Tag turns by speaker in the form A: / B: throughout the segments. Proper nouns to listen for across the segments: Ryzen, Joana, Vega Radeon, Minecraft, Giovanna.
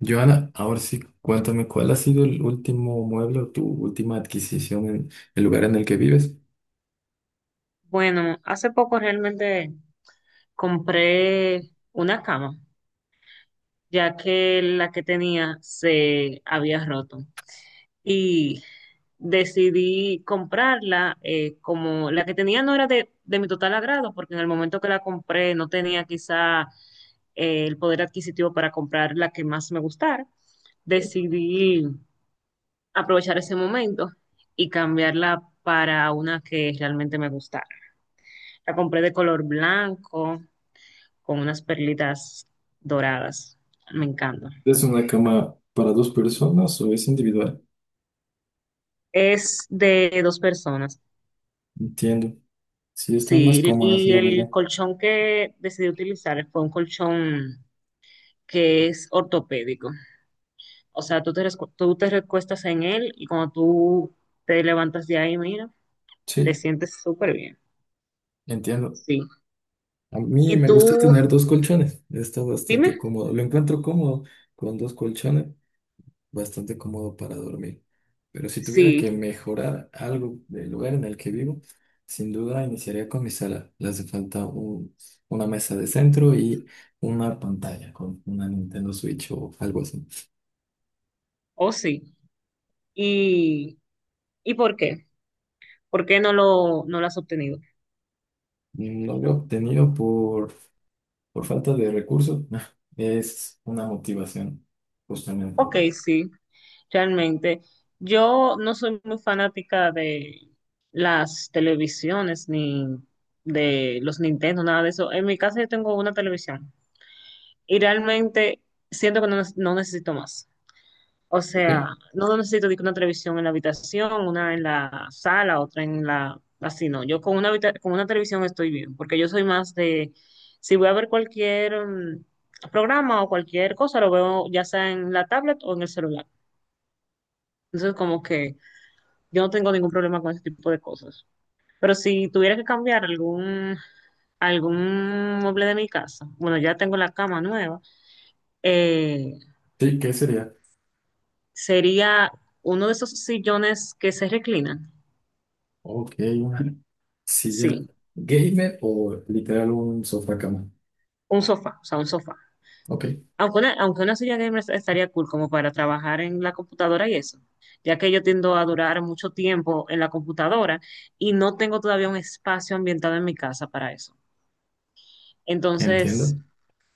A: Joana, ahora sí, cuéntame, ¿cuál ha sido el último mueble o tu última adquisición en el lugar en el que vives?
B: Bueno, hace poco realmente compré una cama, ya que la que tenía se había roto. Y decidí comprarla, como la que tenía no era de mi total agrado, porque en el momento que la compré no tenía quizá el poder adquisitivo para comprar la que más me gustara. Decidí aprovechar ese momento y cambiarla para una que realmente me gustara. La compré de color blanco con unas perlitas doradas. Me encanta.
A: ¿Es una cama para dos personas o es individual?
B: Es de dos personas.
A: Entiendo. Sí, están más
B: Sí,
A: cómodas,
B: y
A: la verdad.
B: el colchón que decidí utilizar fue un colchón que es ortopédico. O sea, tú te recuestas en él y cuando tú te levantas de ahí, mira, te
A: Sí,
B: sientes súper bien.
A: entiendo.
B: Sí.
A: A mí
B: Y
A: me gusta
B: tú,
A: tener dos colchones. Está
B: dime,
A: bastante cómodo. Lo encuentro cómodo con dos colchones, bastante cómodo para dormir. Pero si tuviera
B: sí
A: que mejorar algo del lugar en el que vivo, sin duda iniciaría con mi sala. Le hace falta una mesa de centro y una pantalla con una Nintendo Switch o algo así.
B: o sí. ¿Y, y por qué? ¿Por qué no lo has obtenido?
A: No lo he obtenido por falta de recursos. Es una motivación, justamente.
B: Ok, sí. Realmente, yo no soy muy fanática de las televisiones ni de los Nintendo, nada de eso. En mi casa yo tengo una televisión y realmente siento que no necesito más. O
A: ¿Ok?
B: sea, no necesito de que una televisión en la habitación, una en la sala, otra en la... Así no, yo con una televisión estoy bien, porque yo soy más de... Si voy a ver cualquier programa o cualquier cosa, lo veo ya sea en la tablet o en el celular. Entonces, como que... Yo no tengo ningún problema con ese tipo de cosas. Pero si tuviera que cambiar algún mueble de mi casa, bueno, ya tengo la cama nueva, eh,
A: Sí, ¿qué sería?
B: sería uno de esos sillones que se reclinan.
A: Ok, una silla
B: Sí,
A: gamer o literal un sofá cama.
B: un sofá, o sea, un sofá.
A: Ok,
B: Aunque aunque una silla gamer estaría cool como para trabajar en la computadora y eso, ya que yo tiendo a durar mucho tiempo en la computadora y no tengo todavía un espacio ambientado en mi casa para eso.
A: entiendo.
B: Entonces,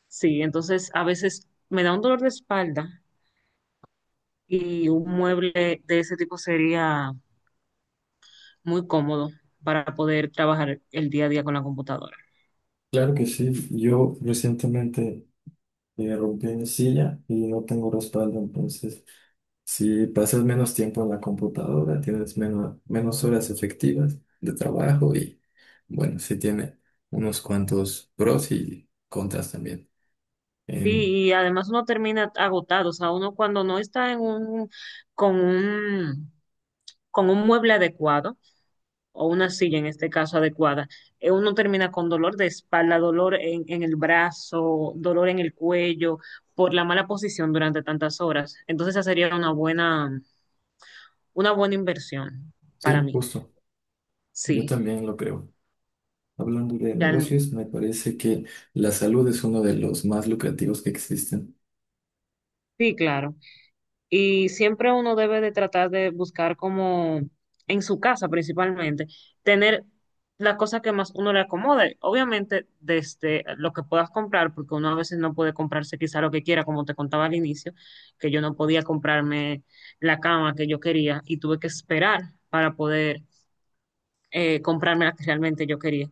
B: sí, entonces a veces me da un dolor de espalda y un mueble de ese tipo sería muy cómodo para poder trabajar el día a día con la computadora.
A: Claro que sí, yo recientemente rompí mi silla y no tengo respaldo, entonces si pasas menos tiempo en la computadora, tienes menos horas efectivas de trabajo y bueno, sí tiene unos cuantos pros y contras también.
B: Sí,
A: En-
B: y además uno termina agotado, o sea, uno cuando no está en con un, con un mueble adecuado o una silla en este caso adecuada, uno termina con dolor de espalda, en el brazo, dolor en el cuello por la mala posición durante tantas horas. Entonces esa sería una buena inversión para
A: sí,
B: mí,
A: justo, yo
B: sí,
A: también lo creo. Hablando de
B: realmente.
A: negocios, me parece que la salud es uno de los más lucrativos que existen.
B: Sí, claro. Y siempre uno debe de tratar de buscar como en su casa principalmente, tener la cosa que más uno le acomode. Obviamente desde lo que puedas comprar, porque uno a veces no puede comprarse quizá lo que quiera, como te contaba al inicio, que yo no podía comprarme la cama que yo quería y tuve que esperar para poder comprarme la que realmente yo quería.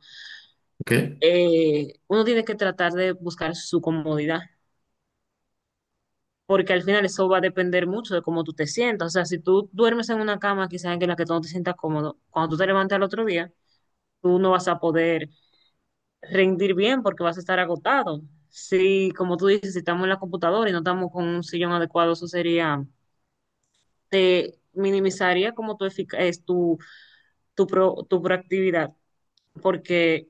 A: ¿Ok?
B: Uno tiene que tratar de buscar su comodidad porque al final eso va a depender mucho de cómo tú te sientas. O sea, si tú duermes en una cama quizás en la que tú no te sientas cómodo, cuando tú te levantes al otro día, tú no vas a poder rendir bien porque vas a estar agotado. Si, como tú dices, si estamos en la computadora y no estamos con un sillón adecuado, eso sería, te minimizaría como tu, efic- es tu, tu proactividad porque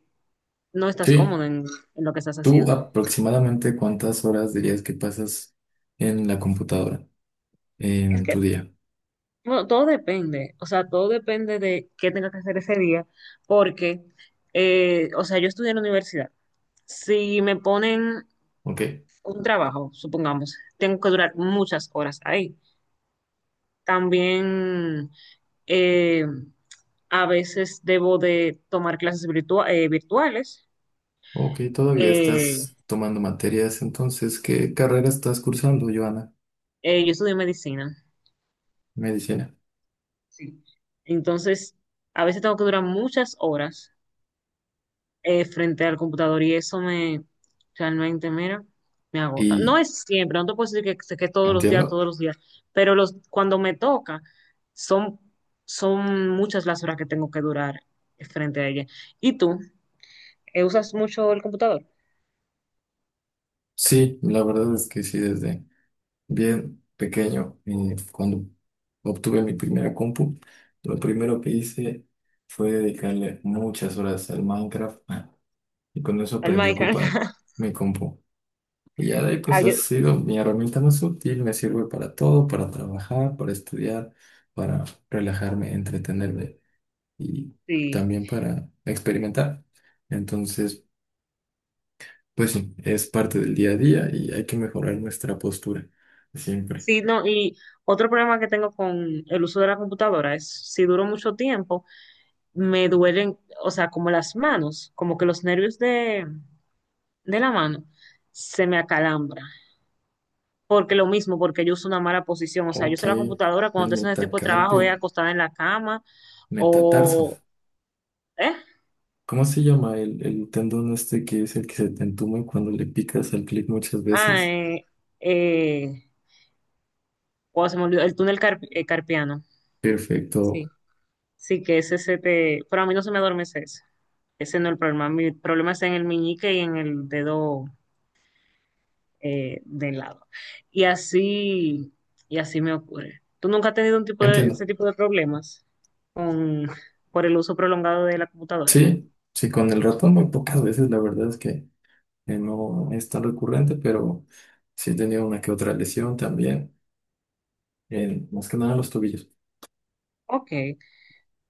B: no estás
A: Sí.
B: cómodo en lo que estás
A: ¿Tú
B: haciendo.
A: aproximadamente cuántas horas dirías que pasas en la computadora
B: Es
A: en tu
B: que
A: día?
B: Bueno, todo depende, o sea, todo depende de qué tenga que hacer ese día, porque, o sea, yo estudié en la universidad. Si me ponen
A: Ok,
B: un trabajo, supongamos, tengo que durar muchas horas ahí. También eh, a veces debo de tomar virtuales.
A: ok, todavía
B: Eh,
A: estás tomando materias, entonces, ¿qué carrera estás cursando, Joana?
B: yo estudié medicina,
A: Medicina.
B: sí. Entonces, a veces tengo que durar muchas horas frente al computador y eso me realmente, mira, me agota.
A: Y
B: No es siempre, no te puedo decir que todos los días,
A: entiendo.
B: todos los días, pero los, cuando me toca, son, son muchas las horas que tengo que durar frente a ella. ¿Y tú? ¿Usas mucho el computador?
A: Sí, la verdad es que sí, desde bien pequeño, cuando obtuve mi primera compu, lo primero que hice fue dedicarle muchas horas al Minecraft, ah, y con eso
B: ¿El
A: aprendí a
B: Minecraft?
A: ocupar mi compu. Y ya de ahí
B: Ah,
A: pues ha
B: yo-
A: sido mi herramienta más útil, me sirve para todo, para trabajar, para estudiar, para relajarme, entretenerme y
B: sí.
A: también para experimentar. Entonces, pues sí, es parte del día a día y hay que mejorar nuestra postura siempre.
B: Sí, no, y otro problema que tengo con el uso de la computadora es si duro mucho tiempo, me duelen, o sea, como las manos, como que de la mano, se me acalambra. Porque lo mismo, porque yo uso una mala posición. O sea, yo
A: Ok,
B: uso la computadora cuando
A: el
B: estoy haciendo este tipo de trabajo, es
A: metacarpio,
B: acostada en la cama
A: metatarso.
B: o... ¿Eh?
A: ¿Cómo se llama el tendón este que es el que se te entuma cuando le picas al clic muchas
B: Ah,
A: veces?
B: eh, eh, wow, se me olvidó, el carpiano. Sí,
A: Perfecto,
B: sí, que ese se te... Pero a mí no se me adormece ese. Ese no es el problema. Mi problema está en el meñique y en el dedo de lado. Y así, y así me ocurre. ¿Tú nunca has tenido un ese
A: entiendo.
B: tipo de problemas con, por el uso prolongado de la computadora?
A: Sí, sí, con el ratón muy pocas veces, la verdad es que no es tan recurrente, pero sí he tenido una que otra lesión también, más que nada en los tobillos.
B: Ok.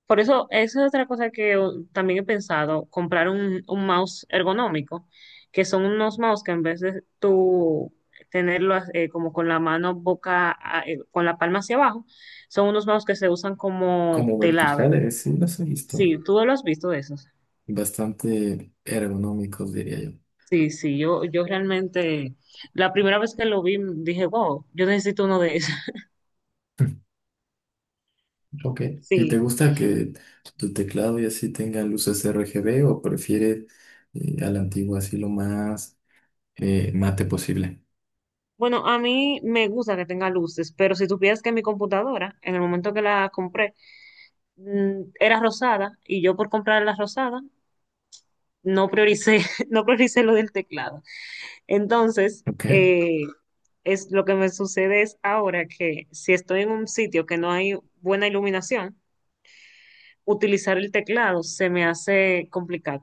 B: Por eso, eso es otra cosa también he pensado, comprar un mouse ergonómico, que son unos mouse que en vez de tú tenerlo como con la con la palma hacia abajo, son unos mouse que se usan como
A: Como
B: de lado.
A: verticales, sí las he visto,
B: Sí, tú lo has visto de esos.
A: bastante ergonómicos, diría yo.
B: Sí, sí, yo realmente, la primera vez que lo vi, dije, wow, yo necesito uno de esos.
A: Ok, ¿y
B: Sí.
A: te gusta que tu teclado y así tenga luces RGB o prefieres a la antigua así lo más mate posible?
B: Bueno, a mí me gusta que tenga luces, pero si supieras que mi computadora, en el momento que la compré, era rosada y yo por comprar la rosada no prioricé, no prioricé lo del teclado. Entonces,
A: Ok,
B: es lo que me sucede es ahora que si estoy en un sitio que no hay buena iluminación, utilizar el teclado se me hace complicado.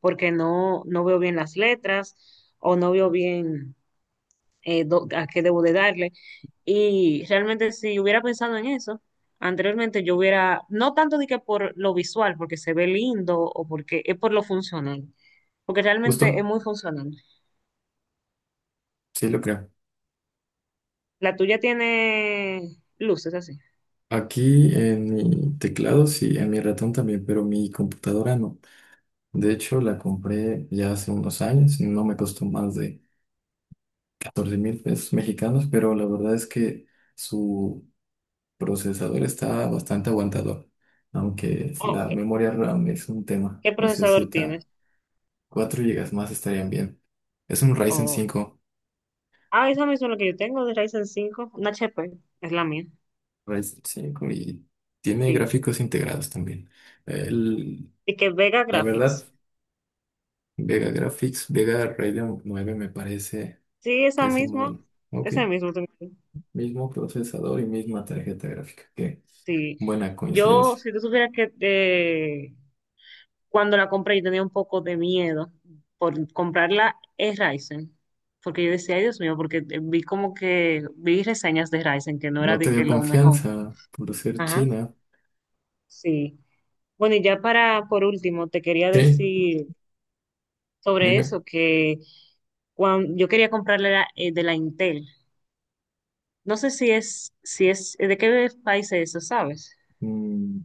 B: Porque no veo bien las letras o no veo bien a qué debo de darle. Y realmente si hubiera pensado en eso anteriormente, yo hubiera, no tanto de que por lo visual, porque se ve lindo o porque es por lo funcional, porque realmente es
A: justo,
B: muy funcional.
A: sí lo creo.
B: La tuya tiene luces así.
A: Aquí en mi teclado, sí, en mi ratón también, pero mi computadora no. De hecho, la compré ya hace unos años, no me costó más de 14,000 pesos mexicanos, pero la verdad es que su procesador está bastante aguantador, aunque
B: Oh,
A: la
B: ok.
A: memoria RAM es un tema,
B: ¿Qué procesador
A: necesita
B: tienes?
A: 4 gigas más estarían bien. Es un Ryzen
B: Oh.
A: cinco.
B: Ah, esa misma es la que yo tengo de Ryzen 5, una HP es la mía,
A: Ryzen 5 y tiene
B: sí.
A: gráficos integrados también. El-
B: Y que Vega
A: la verdad...
B: Graphics.
A: Vega Graphics, Vega Radeon 9, me parece
B: Sí,
A: que
B: esa
A: es el modelo.
B: misma,
A: Ok,
B: esa misma tengo.
A: mismo procesador y misma tarjeta gráfica. Qué
B: Sí,
A: buena
B: yo,
A: coincidencia.
B: si tú supieras que cuando la compré yo tenía un poco de miedo por comprarla es Ryzen, porque yo decía, ay Dios mío, porque vi como vi reseñas de Ryzen que no era
A: No
B: de
A: te dio
B: que lo mejor.
A: confianza por ser
B: Ajá,
A: china.
B: sí. Bueno, y ya para, por último, te quería
A: Sí,
B: decir sobre
A: dime.
B: eso, que cuando, yo quería comprarle de la Intel. No sé si si es, ¿de qué país es eso, sabes?
A: Mm,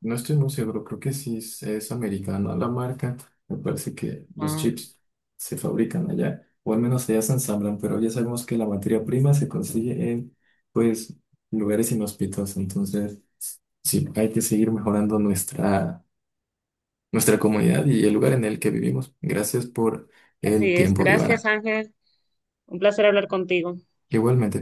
A: no estoy muy seguro, creo que sí es americana la marca. Me parece que los
B: Ah,
A: chips se fabrican allá, o al menos allá se ensamblan, pero ya sabemos que la materia prima se consigue en, pues, lugares inhóspitos. Entonces, sí, hay que seguir mejorando nuestra comunidad y el lugar en el que vivimos. Gracias por el
B: así es.
A: tiempo,
B: Gracias,
A: Giovanna.
B: Ángel. Un placer hablar contigo.
A: Igualmente.